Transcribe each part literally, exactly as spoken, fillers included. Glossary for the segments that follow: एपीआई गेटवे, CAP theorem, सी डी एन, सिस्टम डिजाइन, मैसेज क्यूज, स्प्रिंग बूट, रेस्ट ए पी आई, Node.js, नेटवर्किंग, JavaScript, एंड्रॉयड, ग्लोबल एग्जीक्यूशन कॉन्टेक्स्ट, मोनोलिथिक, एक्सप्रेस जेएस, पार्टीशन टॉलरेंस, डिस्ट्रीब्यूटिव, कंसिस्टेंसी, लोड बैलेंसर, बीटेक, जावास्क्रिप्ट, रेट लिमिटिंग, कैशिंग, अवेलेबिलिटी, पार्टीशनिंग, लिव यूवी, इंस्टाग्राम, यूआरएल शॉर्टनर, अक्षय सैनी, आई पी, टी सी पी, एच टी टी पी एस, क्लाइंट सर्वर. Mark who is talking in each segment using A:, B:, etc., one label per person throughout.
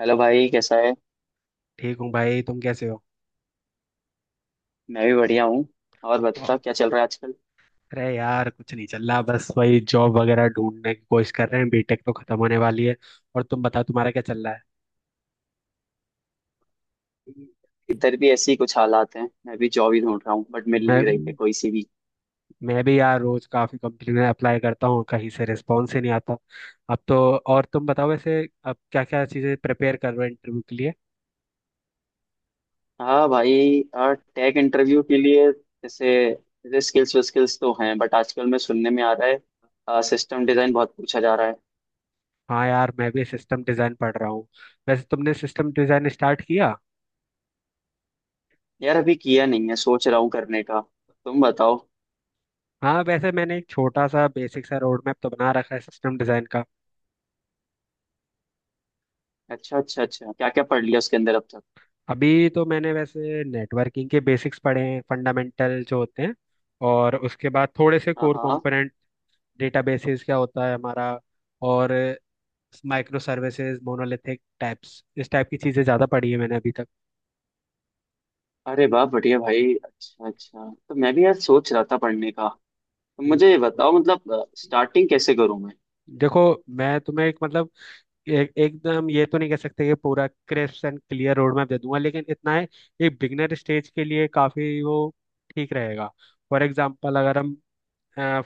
A: Hello भाई, कैसा है।
B: ठीक हूँ भाई तुम कैसे हो?
A: मैं भी बढ़िया हूँ। और
B: और-
A: बता, क्या चल रहा है आजकल।
B: अरे यार कुछ नहीं चल रहा, बस वही जॉब वगैरह ढूंढने की कोशिश कर रहे हैं। बीटेक तो खत्म होने वाली है। और तुम बताओ तुम्हारा क्या चल रहा है?
A: इधर भी ऐसे ही कुछ हालात हैं, मैं भी जॉब ही ढूंढ रहा हूँ, बट मिल
B: मैं
A: नहीं रही है कोई सी भी।
B: मैं भी यार रोज काफी कंपनी में अप्लाई करता हूँ, कहीं से रिस्पॉन्स ही नहीं आता। अब तो। और तुम बताओ वैसे, अब क्या क्या चीजें प्रिपेयर कर रहे हो इंटरव्यू के लिए?
A: हाँ भाई, और टेक इंटरव्यू के लिए जैसे जैसे स्किल्स स्किल्स तो हैं, बट आजकल मैं सुनने में आ रहा है सिस्टम डिजाइन बहुत पूछा जा रहा है।
B: हाँ यार, मैं भी सिस्टम डिजाइन पढ़ रहा हूँ। वैसे तुमने सिस्टम डिजाइन स्टार्ट किया?
A: यार अभी किया नहीं है, सोच रहा हूँ करने का। तुम बताओ।
B: हाँ वैसे मैंने एक छोटा सा बेसिक सा रोड मैप तो बना रखा है सिस्टम डिजाइन का।
A: अच्छा अच्छा अच्छा, क्या क्या पढ़ लिया उसके अंदर अब तक।
B: अभी तो मैंने वैसे नेटवर्किंग के बेसिक्स पढ़े हैं, फंडामेंटल जो होते हैं। और उसके बाद थोड़े से
A: हाँ
B: कोर
A: हाँ।
B: कंपोनेंट, डेटाबेसेस क्या होता है हमारा, और माइक्रो सर्विसेज, मोनोलिथिक टाइप्स, इस टाइप की चीज़ें ज़्यादा पढ़ी है मैंने अभी तक।
A: अरे वाह, बढ़िया भाई, अच्छा अच्छा, तो मैं भी यार सोच रहा था पढ़ने का।
B: हम्म।
A: मुझे ये बताओ, मतलब स्टार्टिंग कैसे करूं मैं।
B: देखो, मैं तुम्हें एक, मतलब एक, एकदम ये तो नहीं कह सकते कि पूरा crisp and clear road map दे दूंगा, लेकिन इतना है एक बिगनर स्टेज के लिए काफ़ी वो ठीक रहेगा। फॉर एग्जाम्पल अगर हम,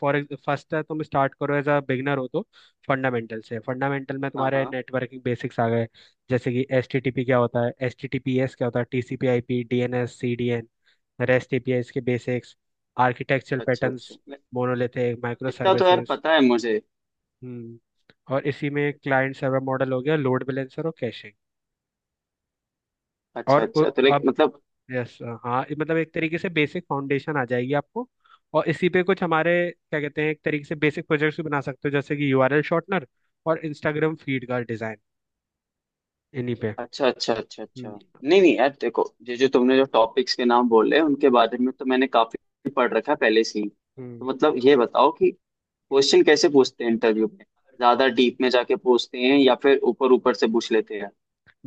B: फॉर फर्स्ट है, तुम स्टार्ट करो एज अ बिगनर हो तो फंडामेंटल से, फंडामेंटल में
A: हाँ
B: तुम्हारे
A: हाँ।
B: नेटवर्किंग बेसिक्स आ गए। जैसे कि एच टी टी पी क्या होता है, एच टी टी पी एस क्या होता है, टी सी पी आई पी, D N S, सी डी एन, रेस्ट ए पी आई, इसके बेसिक्स, आर्किटेक्चरल
A: अच्छा अच्छा
B: पैटर्न्स,
A: मैं-
B: मोनोलिथिक माइक्रो
A: इतना तो यार
B: सर्विसेज।
A: पता है मुझे।
B: हम्म। और इसी में क्लाइंट सर्वर मॉडल हो गया, लोड बैलेंसर और कैशिंग। और
A: अच्छा
B: उ-
A: अच्छा, तो लाइक
B: अब,
A: मतलब
B: यस, हाँ ये, मतलब एक तरीके से बेसिक फाउंडेशन आ जाएगी आपको। और इसी पे कुछ हमारे, क्या कहते हैं, एक तरीके से बेसिक प्रोजेक्ट्स भी बना सकते हो, जैसे कि यूआरएल शॉर्टनर और इंस्टाग्राम फीड का डिजाइन, इन्हीं पे।
A: अच्छा अच्छा अच्छा अच्छा।
B: हम्म।
A: नहीं नहीं यार, देखो, ये जो तुमने जो टॉपिक्स के नाम बोले उनके बारे में तो मैंने काफी पढ़ रखा है पहले से ही, तो मतलब ये बताओ कि
B: हम्म।
A: क्वेश्चन कैसे पूछते हैं इंटरव्यू में। ज्यादा डीप में जाके पूछते हैं या फिर ऊपर ऊपर से पूछ लेते हैं।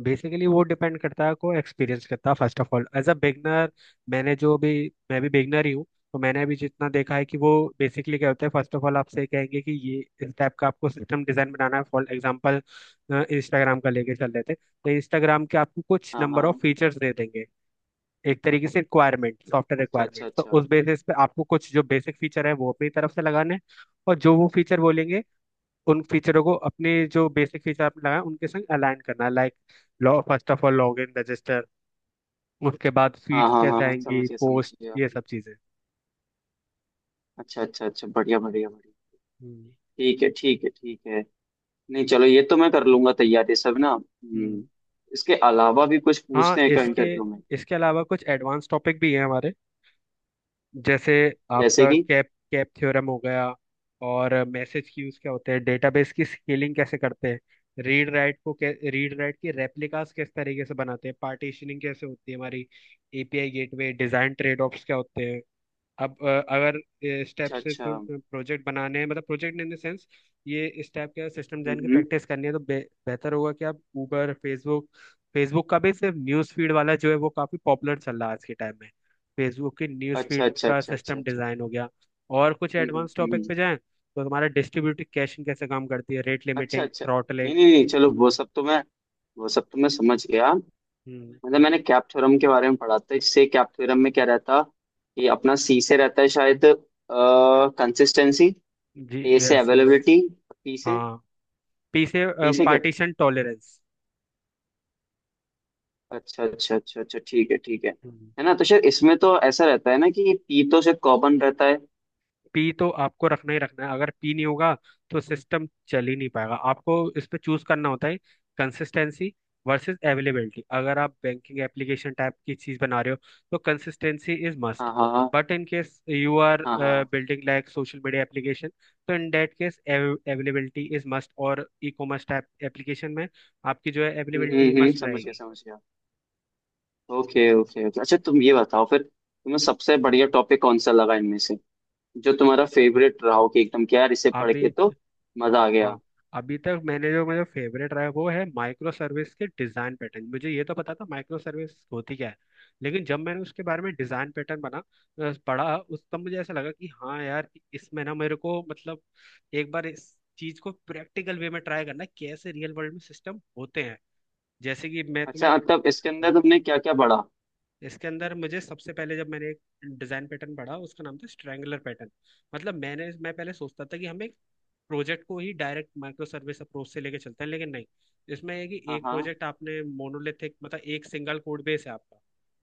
B: बेसिकली वो डिपेंड करता है को एक्सपीरियंस करता है। First of all as a beginner, मैंने जो भी, मैं भी बिगनर ही हूँ। तो मैंने अभी जितना देखा है कि वो बेसिकली क्या होता है, फर्स्ट ऑफ ऑल आपसे कहेंगे कि ये इस टाइप का आपको सिस्टम डिजाइन बनाना है। फॉर एग्जांपल इंस्टाग्राम का लेके चल लेते हैं। तो इंस्टाग्राम के आपको कुछ
A: हाँ
B: नंबर ऑफ
A: हाँ।
B: फीचर्स दे देंगे, एक तरीके से रिक्वायरमेंट, सॉफ्टवेयर
A: अच्छा अच्छा
B: रिक्वायरमेंट। तो
A: अच्छा।
B: उस बेसिस पे आपको कुछ जो बेसिक फीचर है वो अपनी तरफ से लगाने हैं। और जो वो फीचर बोलेंगे उन फीचरों को अपने जो बेसिक फीचर आपने लगाए उनके संग अलाइन करना, लाइक लॉ first of all log in, register, उसके बाद
A: हाँ
B: फीड्स
A: हाँ हाँ
B: कैसे
A: हाँ,
B: आएंगी,
A: समझ गया समझ
B: पोस्ट,
A: गया।
B: ये सब चीजें।
A: अच्छा अच्छा अच्छा, बढ़िया बढ़िया बढ़िया।
B: हम्म।
A: ठीक है ठीक है ठीक है। नहीं चलो, ये तो मैं कर लूंगा तैयारी सब ना। हम्म,
B: हम्म।
A: इसके अलावा भी कुछ
B: हाँ,
A: पूछते हैं क्या
B: इसके
A: इंटरव्यू में।
B: इसके अलावा कुछ एडवांस टॉपिक भी हैं हमारे। जैसे
A: जैसे
B: आपका
A: कि
B: कैप कैप थ्योरम हो गया, और मैसेज क्यूज क्या होते हैं, डेटाबेस की स्केलिंग कैसे करते हैं, रीड राइट को, रीड राइट की रेप्लिकास किस तरीके से बनाते हैं, पार्टीशनिंग कैसे होती है हमारी, एपीआई गेटवे design, trade offs क्या होते हैं। अब अ, अगर स्टेप
A: अच्छा
B: से
A: अच्छा। हम्म
B: प्रोजेक्ट बनाने हैं, मतलब प्रोजेक्ट इन द सेंस, ये स्टेप, क्या सिस्टम डिजाइन की
A: हम्म,
B: प्रैक्टिस करनी है तो बे, बेहतर होगा कि आप ऊबर, फेसबुक, फेसबुक का भी सिर्फ न्यूज़ फीड वाला जो है वो काफ़ी पॉपुलर चल रहा है आज के टाइम में। फेसबुक की न्यूज़
A: अच्छा
B: फीड
A: अच्छा
B: का
A: अच्छा अच्छा
B: सिस्टम
A: अच्छा।
B: डिज़ाइन हो गया। और कुछ
A: हम्म हम्म
B: एडवांस टॉपिक
A: हम्म,
B: पे जाएं तो हमारा डिस्ट्रीब्यूटिव कैशिंग कैसे काम करती है, रेट
A: अच्छा
B: लिमिटिंग,
A: अच्छा।
B: थ्रॉटलिंग।
A: नहीं नहीं नहीं चलो, वो सब तो मैं वो सब तो मैं समझ गया।
B: हम्म।
A: मतलब मैंने कैप थ्योरम के बारे में पढ़ा था, इससे कैप थ्योरम में क्या रहता, ये अपना सी से रहता है शायद। कंसिस्टेंसी।
B: जी,
A: ए से
B: यस यस।
A: अवेलेबिलिटी। पी से।
B: हाँ। पीछे।
A: पी से
B: पार्टीशन टॉलरेंस।
A: अच्छा अच्छा अच्छा अच्छा, ठीक है ठीक है। है ना, तो शायद इसमें तो ऐसा रहता है ना कि पी तो शायद कॉमन रहता है।
B: पी तो आपको रखना ही रखना है, अगर पी नहीं होगा तो सिस्टम चल ही नहीं पाएगा। आपको इस पे चूज करना होता है, कंसिस्टेंसी वर्सेस अवेलेबिलिटी। अगर आप बैंकिंग एप्लीकेशन टाइप की चीज बना रहे हो तो कंसिस्टेंसी इज मस्ट।
A: हाँ हाँ हाँ।
B: But in case you are
A: हाँ हाँ।
B: Building like social media application, तो in that case अवेलेबिलिटी is must, और ई कॉमर्स टाइप एप्लीकेशन में आपकी जो है
A: हम्म हम्म
B: अवेलेबिलिटी
A: हम्म,
B: मस्ट
A: समझ गया
B: रहेगी।
A: समझ गया। ओके ओके ओके, अच्छा तुम ये बताओ, फिर तुम्हें सबसे बढ़िया टॉपिक कौन सा लगा इनमें से, जो तुम्हारा फेवरेट रहा हो, कि एकदम क्या यार इसे
B: आप
A: पढ़ के
B: भी।
A: तो मजा आ गया।
B: हाँ। अभी तक मैंने जो, मेरा फेवरेट रहा है वो है माइक्रो सर्विस के डिज़ाइन पैटर्न। मुझे ये तो पता था माइक्रो सर्विस होती क्या है, लेकिन जब मैंने उसके बारे में डिज़ाइन पैटर्न बना, अ, पढ़ा उस, तब मुझे ऐसा लगा कि हाँ यार, कि इसमें ना मेरे को, मतलब एक बार इस चीज़ को प्रैक्टिकल वे में ट्राई करना है, कैसे रियल वर्ल्ड में सिस्टम होते हैं। जैसे कि मैं तुम्हें,
A: अच्छा, मतलब इसके अंदर तुमने क्या क्या पढ़ा।
B: इसके अंदर मुझे सबसे पहले जब मैंने एक डिजाइन पैटर्न पढ़ा, उसका नाम था स्ट्रैंगुलर पैटर्न। मतलब मैंने मैं पहले सोचता था कि हम एक प्रोजेक्ट को ही डायरेक्ट माइक्रो सर्विस अप्रोच से लेके चलते हैं, लेकिन नहीं। इसमें है कि
A: हाँ
B: एक
A: हाँ
B: प्रोजेक्ट आपने मोनोलिथिक, मतलब एक सिंगल कोड बेस है आपका,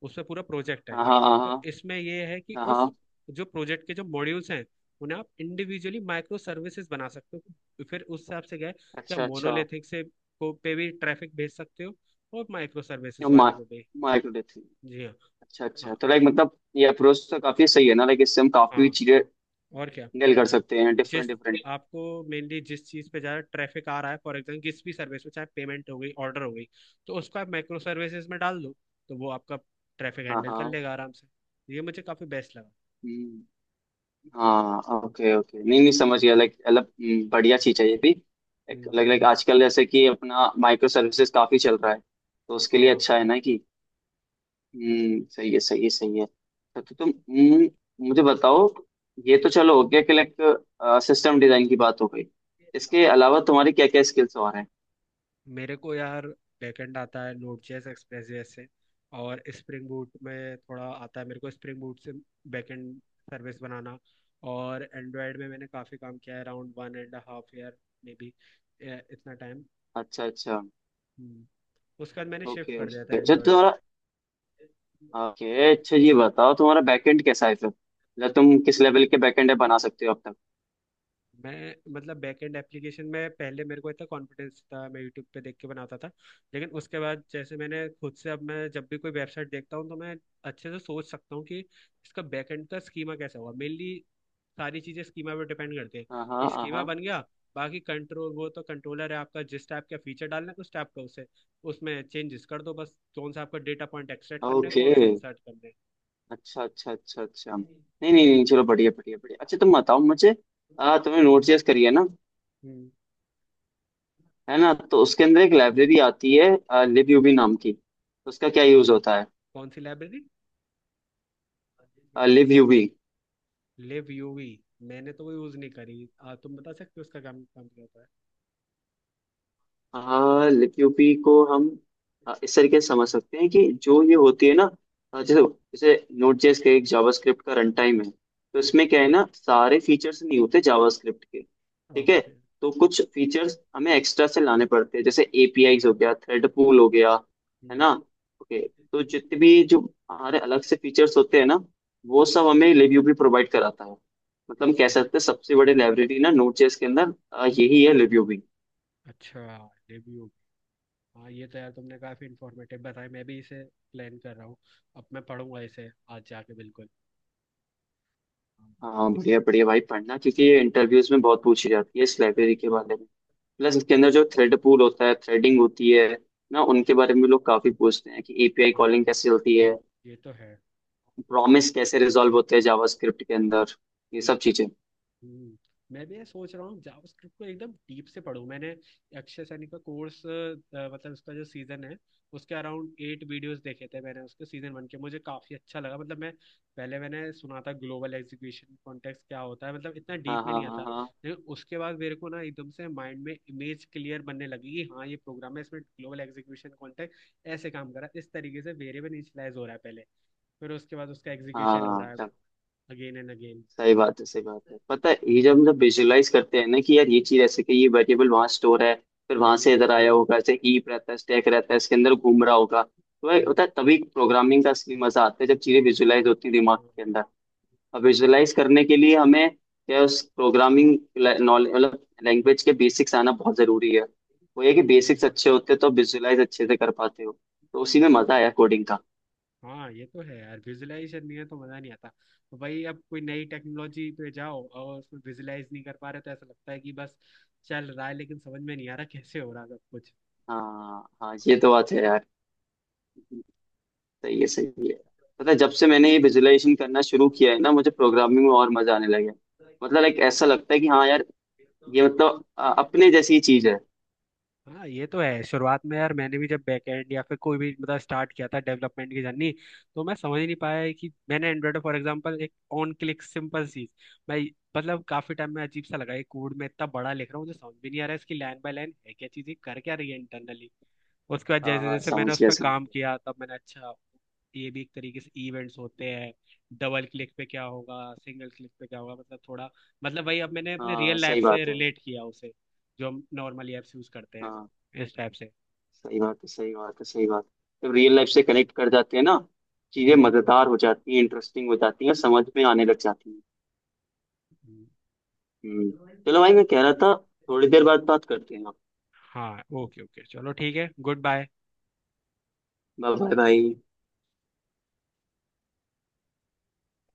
B: उसमें पूरा प्रोजेक्ट है।
A: हाँ हाँ। हाँ
B: तो
A: हाँ
B: इसमें ये है कि
A: हाँ,
B: उस
A: हाँ,
B: जो प्रोजेक्ट के जो मॉड्यूल्स हैं, उन्हें आप इंडिविजुअली माइक्रो सर्विसेज बना सकते हो। फिर उस हिसाब से क्या है कि आप
A: अच्छा अच्छा।
B: मोनोलिथिक से को पे भी ट्रैफिक भेज सकते हो, और माइक्रो सर्विसेज वाले को भी।
A: माइक्रोडेथ।
B: जी हाँ।
A: अच्छा अच्छा, तो
B: हाँ,
A: लाइक मतलब ये अप्रोच तो काफी सही है ना, लाइक इससे हम काफी
B: हाँ।
A: चीजें
B: और क्या।
A: डील कर सकते हैं
B: जिस
A: डिफरेंट डिफरेंट।
B: आपको मेनली जिस चीज़ पे ज़्यादा ट्रैफिक आ रहा है, फॉर एग्जाम्पल किसी भी सर्विस में चाहे पेमेंट हो गई, ऑर्डर हो गई, तो उसको आप माइक्रो सर्विसेज में डाल दो, तो वो आपका ट्रैफिक
A: हाँ
B: हैंडल कर
A: हाँ।
B: लेगा आराम से। ये मुझे काफ़ी बेस्ट लगा।
A: हम्म, हाँ ओके ओके, नहीं नहीं समझ गया, लाइक अलग। हम्म, बढ़िया चीज है ये भी। लाइक
B: हम्म।
A: लाइक आजकल जैसे कि अपना माइक्रो सर्विसेज काफी चल रहा है, तो उसके लिए
B: हाँ।
A: अच्छा है ना कि हम्म सही है सही है सही है। तो, तो तुम हम्म, मुझे बताओ। ये तो चलो हो गया कि लाइक सिस्टम डिजाइन की बात हो गई, इसके अलावा तुम्हारी क्या क्या स्किल्स और हैं।
B: मेरे को यार बैकएंड आता है, नोड जेएस एक्सप्रेस जेएस से, और स्प्रिंग बूट में थोड़ा आता है मेरे को, स्प्रिंग बूट से बैकएंड सर्विस बनाना। और एंड्रॉयड में मैंने काफ़ी काम किया है, around one and half year maybe, इतना टाइम।
A: अच्छा अच्छा।
B: उसके बाद मैंने शिफ्ट
A: ओके
B: कर दिया
A: ओके,
B: था
A: अच्छा
B: एंड्रॉयड से।
A: तुम्हारा ओके। अच्छा ये बताओ, तुम्हारा बैकएंड कैसा है फिर, मतलब तुम किस लेवल के बैकएंड बना सकते हो अब तक।
B: मैं, मतलब बैकएंड एप्लीकेशन में पहले मेरे को इतना कॉन्फिडेंस था, मैं यूट्यूब पे देख के बनाता था। लेकिन उसके बाद जैसे मैंने खुद से, अब मैं जब भी कोई वेबसाइट देखता हूँ तो मैं अच्छे से सोच सकता हूँ कि इसका बैकएंड का स्कीमा कैसा होगा, मेनली सारी चीज़ें स्कीमा पे डिपेंड करते
A: हाँ हाँ
B: हैं।
A: हाँ
B: स्कीमा
A: हाँ।
B: बन गया, बाकी कंट्रोल, वो तो कंट्रोलर है आपका, जिस टाइप का फीचर डालना है उस टाइप का उसे, उसमें चेंजेस कर दो, बस कौन सा आपका डेटा पॉइंट एक्सट्रैक्ट करना है,
A: ओके।
B: कौन सा इंसर्ट करना है।
A: अच्छा अच्छा अच्छा अच्छा, नहीं नहीं नहीं चलो, बढ़िया बढ़िया बढ़िया, अच्छा तुम बताओ मुझे। आ, तुमने नोट जेएस करी है ना।
B: हम्म।
A: है ना, तो उसके अंदर एक लाइब्रेरी आती है लिब यूबी नाम की, उसका क्या यूज होता है।
B: कौन सी library?
A: Libuv.
B: लिव यूवी? मैंने तो वो यूज नहीं करी, आ, तुम बता सकते हो उसका काम काम क्या होता
A: हाँ, लिक्यूपी को हम अ, इस तरीके से समझ सकते हैं कि जो ये होती है ना, अ, जैसे जैसे नोड जेएस का एक जावास्क्रिप्ट का रन टाइम है। तो
B: है?
A: इसमें क्या है ना, सारे फीचर्स नहीं होते जावास्क्रिप्ट के, ठीक है।
B: ओके।
A: तो कुछ फीचर्स हमें एक्स्ट्रा से लाने पड़ते हैं, जैसे एपीआई हो गया, थ्रेड पूल हो गया, है ना। ओके। तो जितने भी जो हमारे अलग से फीचर्स होते हैं ना, वो सब हमें लिक्यूपी प्रोवाइड कराता है। मतलब हम कह
B: अच्छा।
A: सकते हैं सबसे बड़ी लाइब्रेरी ना नोड जेएस के अंदर अ,
B: हम्म।
A: यही है लिक्यूपी।
B: अच्छा। लिव यूवी। हाँ, ये तो यार तुमने काफी इंफॉर्मेटिव बताया, मैं भी इसे प्लान कर रहा हूँ, अब मैं पढ़ूंगा इसे आज जाके, बिल्कुल। हाँ।
A: हाँ बढ़िया बढ़िया भाई, पढ़ना, क्योंकि ये इंटरव्यूज में बहुत पूछी जाती है इस लाइब्रेरी के बारे में। प्लस इसके अंदर जो थ्रेड पूल होता है, थ्रेडिंग होती है ना, उनके बारे में लोग काफी पूछते हैं कि एपीआई कॉलिंग
B: हाँ,
A: कैसे होती है,
B: ये तो है।
A: प्रॉमिस कैसे रिजॉल्व होते हैं जावास्क्रिप्ट के अंदर, ये सब चीजें।
B: हम्म। मैं भी ये सोच रहा हूँ जावास्क्रिप्ट को एकदम डीप से पढूं। मैंने अक्षय सैनी का कोर्स, मतलब उसका जो सीजन है उसके अराउंड एट वीडियोस देखे थे मैंने, उसके सीजन वन के, मुझे काफी अच्छा लगा। मतलब मैं, पहले मैंने सुना था ग्लोबल एग्जीक्यूशन कॉन्टेक्स्ट क्या होता है, मतलब इतना
A: हाँ
B: डीप में
A: हाँ
B: नहीं आता।
A: हाँ
B: लेकिन उसके बाद मेरे को ना एकदम से माइंड में इमेज क्लियर बनने लगी, कि हाँ ये प्रोग्राम है, इसमें ग्लोबल एग्जीक्यूशन कॉन्टेक्स्ट ऐसे काम कर रहा है, इस तरीके से वेरिएबल इनिशियलाइज हो रहा है पहले, फिर उसके बाद उसका
A: हाँ
B: एग्जीक्यूशन हो
A: हाँ
B: रहा है
A: हाँ,
B: अगेन एंड अगेन।
A: सही बात है सही बात है। पता है, ये जब हम जब विजुअलाइज करते हैं ना कि यार ये चीज ऐसे, कि ये वेरिएबल वहां स्टोर है, फिर वहां से इधर आया होगा, ऐसे हीप रहता है स्टैक रहता है, इसके अंदर घूम रहा होगा, तो भाई
B: हम्म।
A: होता है तभी प्रोग्रामिंग का असली मजा आता है, जब चीजें विजुअलाइज होती है दिमाग
B: हाँ।
A: के अंदर। और विजुअलाइज करने के लिए हमें क्या, उस प्रोग्रामिंग नॉलेज मतलब लैंग्वेज के बेसिक्स आना बहुत जरूरी है। वो ये कि
B: हम्म।
A: बेसिक्स अच्छे होते तो विजुअलाइज अच्छे से कर पाते हो, तो उसी में मजा आया कोडिंग का।
B: हाँ ये तो है यार, विजुलाइजेशन नहीं है तो मजा नहीं आता। तो भाई, अब कोई नई टेक्नोलॉजी पे जाओ और उसमें विजुलाइज नहीं कर पा रहे, तो ऐसा लगता है कि बस चल रहा है लेकिन समझ में नहीं आ रहा कैसे हो रहा है सब
A: हाँ हाँ, ये तो बात है यार, सही है सही है। पता है, जब से मैंने ये विजुअलाइजेशन करना शुरू किया है ना, मुझे प्रोग्रामिंग में और मजा आने लगा है। मतलब एक ऐसा लगता है कि हाँ यार,
B: कुछ।
A: ये मतलब अ, अपने जैसी ही चीज है।
B: हाँ ये तो है, शुरुआत में यार मैंने भी जब बैकएंड या फिर कोई भी, मतलब स्टार्ट किया था डेवलपमेंट की जर्नी, तो मैं समझ ही नहीं पाया, कि मैंने एंड्रॉइड, फॉर एग्जांपल एक ऑन क्लिक सिंपल चीज, मैं मतलब काफी टाइम में अजीब सा लगा ये, कोड में इतना बड़ा लिख रहा हूँ, मुझे समझ भी नहीं आ रहा है इसकी लाइन बाय लाइन है क्या चीज, ये कर क्या रही है इंटरनली। उसके बाद
A: हाँ
B: जैसे
A: हाँ
B: जैसे मैंने
A: समझ
B: उस
A: गया
B: पर
A: समझ
B: काम
A: गया।
B: किया, तब मैंने, अच्छा ये भी एक तरीके से इवेंट्स होते हैं, डबल क्लिक पे क्या होगा, सिंगल क्लिक पे क्या होगा, मतलब थोड़ा, मतलब वही, अब मैंने अपने
A: हाँ
B: रियल लाइफ
A: सही
B: से
A: बात है,
B: रिलेट किया उसे, जो हम नॉर्मली ऐप्स यूज करते हैं
A: हाँ
B: इस टाइप से।
A: सही बात है सही बात है सही बात है। जब रियल लाइफ से कनेक्ट कर जाते हैं ना, चीजें
B: हम्म।
A: मजेदार हो जाती हैं, इंटरेस्टिंग हो जाती हैं, समझ में आने लग जाती हैं।
B: हम्म।
A: हम्म। चलो भाई, मैं कह रहा था थोड़ी देर बाद बात करते हैं।
B: हाँ ओके ओके चलो ठीक है गुड बाय।
A: बाय बाय भाई।